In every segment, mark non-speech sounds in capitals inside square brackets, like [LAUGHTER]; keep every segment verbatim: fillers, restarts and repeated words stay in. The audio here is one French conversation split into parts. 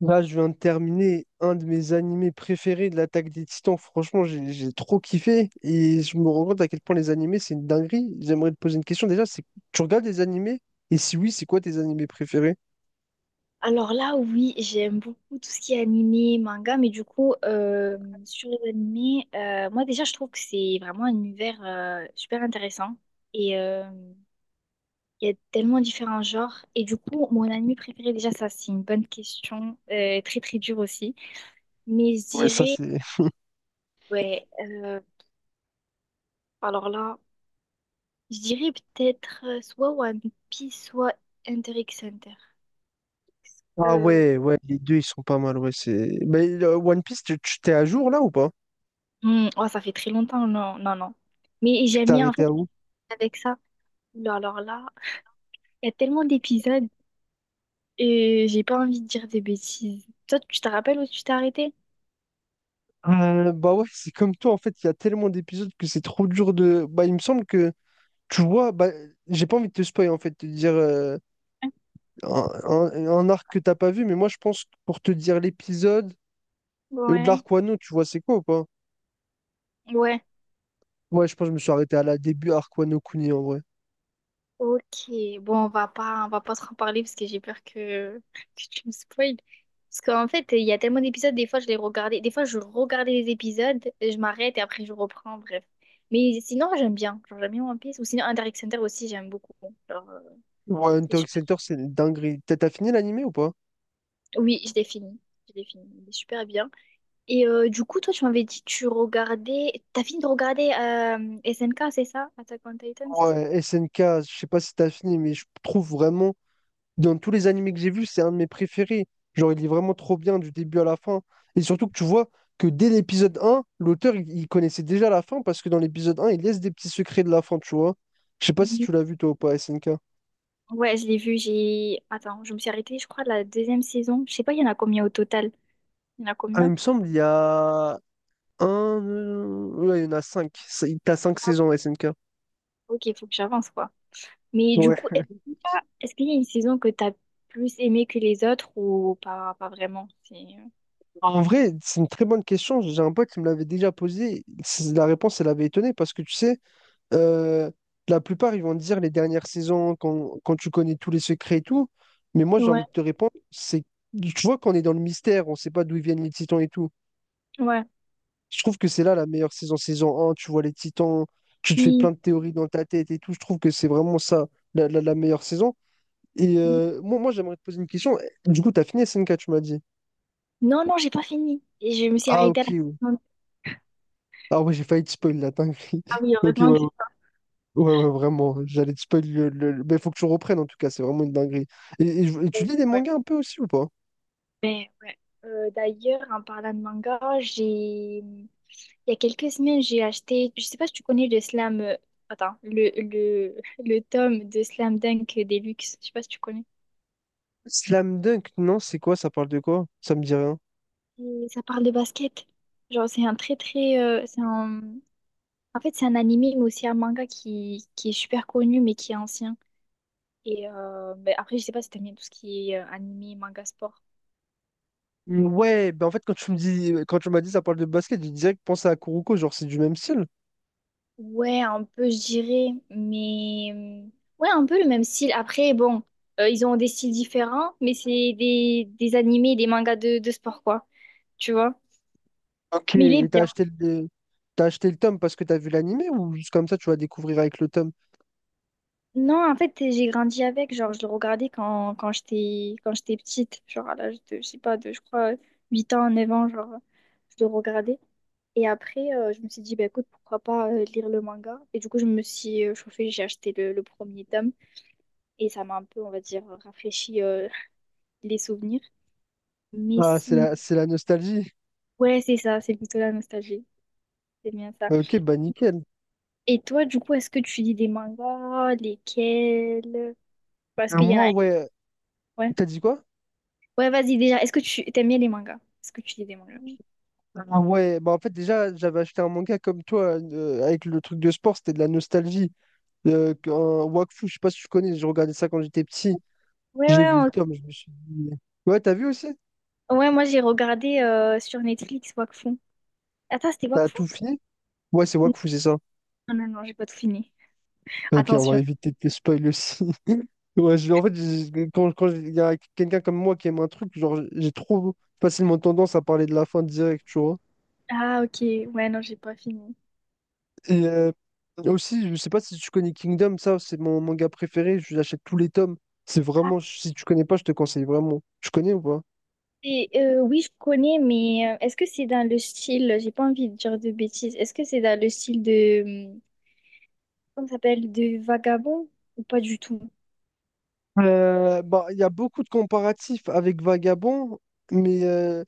Là, je viens de terminer un de mes animés préférés de l'Attaque des Titans. Franchement, j'ai j'ai trop kiffé et je me rends compte à quel point les animés, c'est une dinguerie. J'aimerais te poser une question déjà, c'est tu regardes les animés? Et si oui, c'est quoi tes animés préférés? Alors là, oui, j'aime beaucoup tout ce qui est animé, manga, mais du coup, euh, sur les animés, euh, moi déjà, je trouve que c'est vraiment un univers euh, super intéressant. Et euh, il y a tellement différents genres. Et du coup, mon anime préféré, déjà, ça, c'est une bonne question, euh, très très dure aussi. Mais je Ouais, ça dirais, c'est. [LAUGHS] ouais, euh, alors là, je dirais peut-être euh, soit One Piece, soit Hunter x Hunter. Ah Euh, ouais, ouais, les deux ils sont pas mal, ouais, c'est. Mais euh, One Piece, tu tu- t'es à jour là ou pas? hmm, oh, ça fait très longtemps, non, non, non. Mais Tu j'aime t'es bien, en arrêté fait, à où? avec ça. Mais alors là, il y a tellement d'épisodes et j'ai pas envie de dire des bêtises. Toi, tu te rappelles où tu t'es arrêté? Euh, bah ouais, c'est comme toi, en fait, il y a tellement d'épisodes que c'est trop dur de. Bah, il me semble que, tu vois, bah, j'ai pas envie de te spoiler, en fait, de dire. euh, un, un- un arc que t'as pas vu, mais moi je pense que pour te dire l'épisode ou de Ouais. l'arc Wano, tu vois c'est quoi ou pas? Ouais. Ouais, je pense que je me suis arrêté à la début arc Wano Kuni en vrai. Ok. Bon, on va pas, on va pas trop en parler parce que j'ai peur que, que tu me spoiles. Parce qu'en fait, il y a tellement d'épisodes, des fois je les regardais, des fois je regardais les épisodes, et je m'arrête et après je reprends, bref. Mais sinon, j'aime bien. Genre, j'aime bien One Piece. Ou sinon, Hunter x Hunter aussi, j'aime beaucoup. Genre, euh, Ouais, c'est Hunter su- x Hunter, c'est une dinguerie. T'as t'as fini l'animé ou pas? oui, je l'ai fini. Je l'ai fini. Il est super bien. Et euh, du coup, toi, tu m'avais dit que tu regardais. T'as fini de regarder euh, S N K, c'est ça? Attack on Titan, c'est ça? Ouais, S N K, je sais pas si t'as fini, mais je trouve vraiment, dans tous les animés que j'ai vus, c'est un de mes préférés. Genre, il est vraiment trop bien du début à la fin. Et surtout que tu vois que dès l'épisode un l'auteur, il, il connaissait déjà la fin parce que dans l'épisode un il laisse des petits secrets de la fin, tu vois. Je sais pas si Oui. tu l'as vu toi ou pas, S N K. Ouais, je l'ai vu. J'ai. Attends, je me suis arrêtée, je crois, la deuxième saison. Je sais pas, il y en a combien au total? Il y en a Ah, il combien? me semble, il y a un. euh, Ouais, il y en a cinq. C'est- T'as cinq saisons S N K. Ok, il faut que j'avance, quoi. Mais du Ouais. coup, S N K, est-ce qu'il y a une saison que t'as plus aimée que les autres ou pas, pas vraiment? C'est- En vrai, c'est une très bonne question. J'ai un pote qui me l'avait déjà posée. C'est- La réponse, elle avait étonné parce que tu sais, euh, la plupart, ils vont te dire les dernières saisons quand, quand, tu connais tous les secrets et tout. Mais moi, j'ai Ouais. envie de te répondre, c'est tu vois qu'on est dans le mystère, on ne sait pas d'où ils viennent les titans et tout. Ouais. Je trouve que c'est là la meilleure saison, saison un, tu vois les titans, tu te fais Et- plein de théories dans ta tête et tout. Je trouve que c'est vraiment ça, la la- la meilleure saison. Et euh, moi, moi j'aimerais te poser une question. Du coup, t'as fini S N K, tu m'as dit. Non, non, j'ai pas fini. Et je me suis Ah, arrêtée ok. à la. Ouais. Saison. Ah, ouais, j'ai failli te spoil la dinguerie. Ah [LAUGHS] oui, Ok, ouais, heureusement ouais, que... ouais, ouais, vraiment. J'allais te spoil le, le- le- mais faut que tu reprennes, en tout cas, c'est vraiment une dinguerie. Et, et je- et tu lis des mangas un peu aussi ou pas? Mais ouais. Euh, d'ailleurs, en parlant de manga, j'ai il y a quelques semaines, j'ai acheté, je sais pas si tu connais le slam euh, attends, le, le, le tome de Slam Dunk Deluxe, je sais pas si tu connais. Slam Dunk, non, c'est quoi? Ça parle de quoi? Ça me dit rien. Et ça parle de basket. Genre c'est un très très euh, c'est un en fait, c'est un animé mais aussi un manga qui, qui, est super connu mais qui est ancien. Et euh, ben, après, je sais pas si t'aimes bien tout ce qui est euh, animé, manga sport. Ouais, ben en fait, quand tu me dis, quand tu m'as dit ça parle de basket, j'ai direct pensé à Kuroko, genre c'est du même style. Ouais, un peu, je dirais, mais euh, ouais, un peu le même style. Après, bon, euh, ils ont des styles différents, mais c'est des, des, animés, des mangas de, de sport, quoi, tu vois. Ok, Mais il et est t'as bien. acheté le, t'as acheté le tome parce que t'as vu l'animé ou juste comme ça tu vas découvrir avec le tome? Non, en fait, j'ai grandi avec, genre, je le regardais quand, quand j'étais quand j'étais petite, genre à l'âge de, je sais pas, de, je crois, huit ans, 9 ans, genre, je le regardais. Et après, euh, je me suis dit, bah écoute, pourquoi pas euh, lire le manga? Et du coup, je me suis euh, chauffée, j'ai acheté le, le premier tome, et ça m'a un peu, on va dire, rafraîchi euh, [LAUGHS] les souvenirs. Ah, c'est Messine. la, c'est la nostalgie. Ouais, c'est ça, c'est plutôt la nostalgie. C'est bien ça. Euh, Ok, bah nickel. Et toi, du coup, est-ce que tu lis des mangas? Lesquels? Parce Euh, qu'il y en a Moi, un. ouais, Ouais. t'as dit quoi? Ouais, vas-y, déjà. Est-ce que tu t'aimes bien les mangas? Est-ce que tu lis des mangas? Ah ouais, bah en fait, déjà, j'avais acheté un manga comme toi, euh, avec le truc de sport, c'était de la nostalgie. Euh, un Wakfu, je sais pas si tu connais, je regardais ça quand j'étais petit. Ouais, J'ai ouais, vu le on- tome, je me suis dit. Ouais, t'as vu aussi? ouais, moi j'ai regardé euh, sur Netflix Wakfu. Attends, c'était T'as Wakfu? tout fini? Ouais, c'est Non, Wakfu, c'est ça. non, non, j'ai pas tout fini. Ok, on va Attention. éviter de te spoil aussi. [LAUGHS] Ouais, je- en fait, j'ai- quand, quand il y a quelqu'un comme moi qui aime un truc, genre, j'ai trop facilement tendance à parler de la fin direct, tu vois. Ah, ok. Ouais, non, j'ai pas fini. Et euh, aussi, je sais pas si tu connais Kingdom, ça, c'est mon manga préféré. Je l'achète tous les tomes. C'est Ah, vraiment, si tu connais pas, je te conseille vraiment. Tu connais ou pas? c'est- euh, oui, je connais, mais euh, est-ce que c'est dans le style, j'ai pas envie de dire de bêtises, est-ce que c'est dans le style de hum, comment ça s'appelle? Des vagabonds? Ou pas du tout? Euh, bah, il y a beaucoup de comparatifs avec Vagabond, mais euh,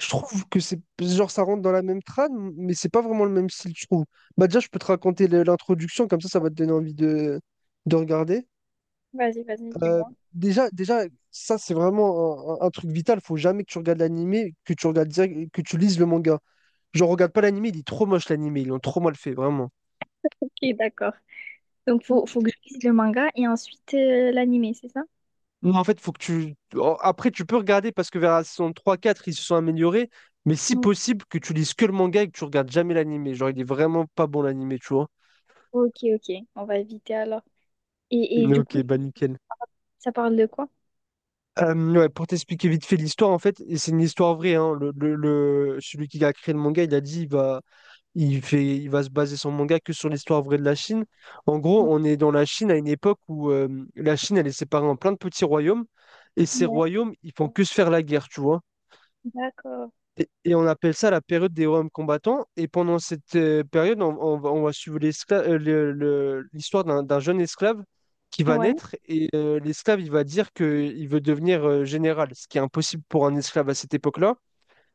je trouve que c'est genre ça rentre dans la même trame, mais c'est pas vraiment le même style, je trouve. Bah, déjà, je peux te raconter le- l'introduction, comme ça, ça va te donner envie de, de regarder. Vas-y, vas-y, Euh, dis-moi. déjà, déjà, ça, c'est vraiment un, un- un truc vital. Faut jamais que tu regardes l'animé, que tu regardes direct- que tu lises le manga. Je regarde pas l'animé, il est trop moche l'anime, ils l'ont trop mal fait, vraiment. Ok, d'accord. Donc, faut, faut que je lise le manga et ensuite euh, l'animé, c'est ça? Non, en fait, faut que tu. Oh, après, tu peux regarder parce que vers la saison trois, quatre, ils se sont améliorés, mais si Ouais. possible, que tu lises que le manga et que tu regardes jamais l'animé. Genre, il est vraiment pas bon l'animé, tu vois. Ok, ok. On va éviter alors. Et, et Mais du ok, coup, bah nickel. ça parle de quoi? Euh, ouais, pour t'expliquer vite fait l'histoire, en fait, et c'est une histoire vraie, hein, le, le- le- celui qui a créé le manga, il a dit, il va Il fait, il va se baser son manga que sur l'histoire vraie de la Chine. En gros, on est dans la Chine à une époque où euh, la Chine, elle est séparée en plein de petits royaumes. Et ces Ouais, royaumes, ils font que se faire la guerre, tu vois. d'accord. Et, et on appelle ça la période des royaumes combattants. Et pendant cette euh, période, on, on va, on va suivre l'escla- euh, le- le- l'histoire d'un d'un jeune esclave qui va Ouais, naître. Et euh, l'esclave, il va dire qu'il veut devenir euh, général, ce qui est impossible pour un esclave à cette époque-là.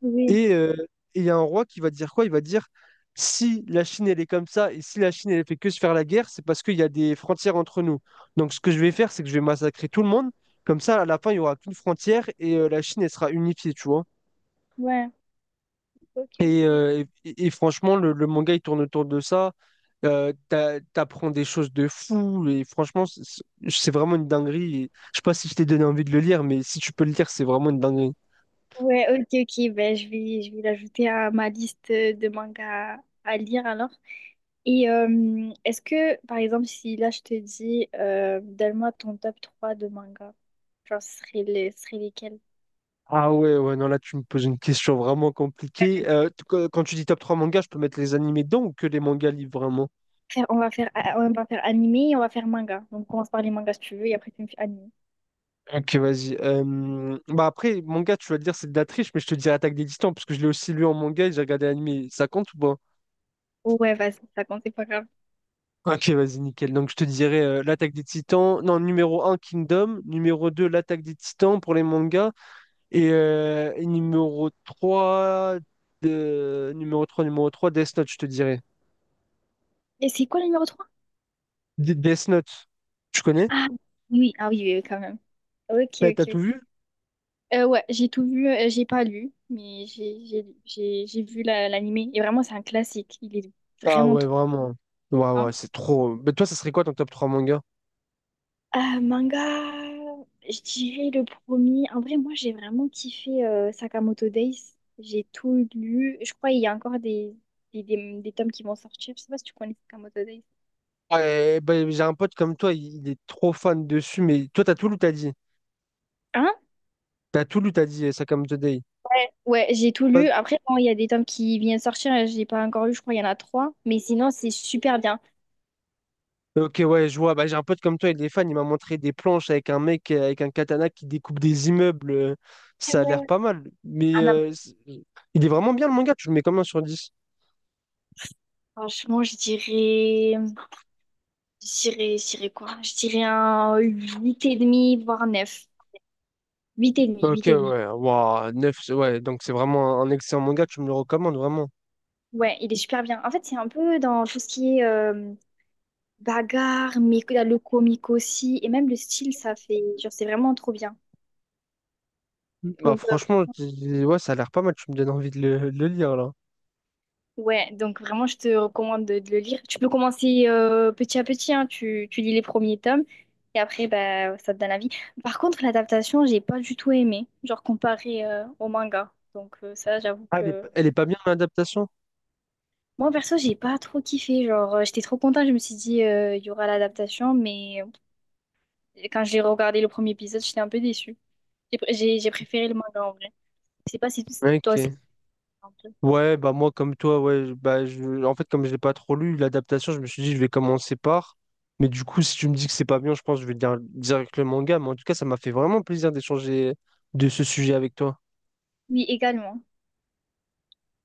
oui, Et euh, et il y a un roi qui va dire quoi? Il va dire, si la Chine, elle est comme ça, et si la Chine, elle fait que se faire la guerre, c'est parce qu'il y a des frontières entre nous. Donc, ce que je vais faire, c'est que je vais massacrer tout le monde. Comme ça, à la fin, il n'y aura qu'une frontière et euh, la Chine, elle sera unifiée, tu vois. ouais. Ok, Et, ok. euh, et, et franchement, le, le manga, il tourne autour de ça. Euh, t'a- t'apprends des choses de fou. Et franchement, c'est c'est vraiment une dinguerie. Et je sais pas si je t'ai donné envie de le lire, mais si tu peux le lire, c'est vraiment une dinguerie. Ouais, ok, ok. Ben, je vais, je vais l'ajouter à ma liste de mangas à lire alors. Et euh, est-ce que, par exemple, si là je te dis, euh, donne-moi ton top trois de manga, genre ce serait, les, ce serait lesquels? Ah ouais, ouais, non, là tu me poses une question vraiment compliquée. Euh, t- quand quand tu dis top trois mangas, je peux mettre les animés dedans ou que les mangas livres vraiment? Faire- on va faire, ah, on va faire animé et on va faire manga. Donc on commence par les mangas si tu veux et après tu me fais animé. Ok, vas-y. Euh, bah après, manga, tu vas dire c'est de la triche, mais je te dirais Attaque des Titans, parce que je l'ai aussi lu en manga et j'ai regardé l'animé. Ça compte ou pas? Ouais, vas-y, ça compte, c'est pas grave. Ok, vas-y, nickel. Donc je te dirais euh, l'Attaque des Titans. Non, numéro un Kingdom. Numéro deux l'Attaque des Titans pour les mangas. Et, euh, et numéro trois de... numéro trois numéro trois Death Note, je te dirais. Et c'est quoi le numéro trois? D- Death Note, tu connais? Ah oui, ah oui, oui, oui, quand même. Ok, T'as t'as ok. tout Ok. vu? Euh, ouais, j'ai tout vu, euh, j'ai pas lu, mais j'ai j'ai j'ai- j'ai vu la- l'animé. Et vraiment, c'est un classique. Il est Ah vraiment ouais, trop vraiment. Ouais, bien. ouais, c'est trop. Mais toi, ça serait quoi ton top trois manga? Euh, manga, je dirais le premier. En vrai, moi, j'ai vraiment kiffé euh, Sakamoto Days. J'ai tout lu. Je crois qu'il y a encore des, des, des, des tomes qui vont sortir. Je sais pas si tu connais Sakamoto Days. Ouais, bah, j'ai un pote comme toi, il, il est trop fan dessus, mais toi, t'as tout lu, t'as dit. Hein? T'as tout lu, t'as dit, ça comme Today. Ouais, j'ai tout Pas- lu. Après, bon, il y a des tomes qui viennent sortir. Je l'ai pas encore lu. Je crois qu'il y en a trois. Mais sinon, c'est super bien. Ok, ouais, je vois. Bah, j'ai un pote comme toi, il est fan, il m'a montré des planches avec un mec euh, avec un katana qui découpe des immeubles. euh, Ah Ça a ouais, l'air ouais. pas mal. Mais Ah non, mais euh, c'est- il est vraiment bien le manga, tu le mets combien sur dix? franchement, je dirais. Je dirais, je dirais quoi? Je dirais un huit virgule cinq, voire neuf huit virgule cinq, huit 8,5, Ok, huit virgule cinq. ouais, waouh, neuf, ouais, donc c'est vraiment un, un excellent manga, tu me le recommandes vraiment. Ouais, il est super bien. En fait, c'est un peu dans tout ce qui est euh, bagarre, mais que- le comique aussi, et même le style, ça fait, genre, c'est vraiment trop bien. Bah Donc, euh, franchement, tu- ouais, ça a l'air pas mal, tu me donnes envie de le, de le lire là. ouais, donc vraiment, je te recommande de, de le lire. Tu peux commencer euh, petit à petit, hein, tu, tu lis les premiers tomes, et après, bah, ça te donne envie. Par contre, l'adaptation, j'ai pas du tout aimé, genre comparé euh, au manga. Donc, euh, ça, j'avoue Ah, elle est, que. pas- elle est pas bien l'adaptation? Moi, perso, j'ai pas trop kiffé. Genre, euh, j'étais trop contente, je me suis dit, euh, il y aura l'adaptation, mais euh, quand j'ai regardé le premier épisode, j'étais un peu déçue. J'ai pr- j'ai- j'ai préféré le manga en vrai. Je sais pas si t- toi aussi. Ok. Ouais, bah moi comme toi, ouais, je- bah je, en fait comme je l'ai pas trop lu l'adaptation, je me suis dit je vais commencer par. Mais du coup, si tu me dis que c'est pas bien, je pense que je vais dire direct le manga. Mais en tout cas, ça m'a fait vraiment plaisir d'échanger de ce sujet avec toi. Oui, également.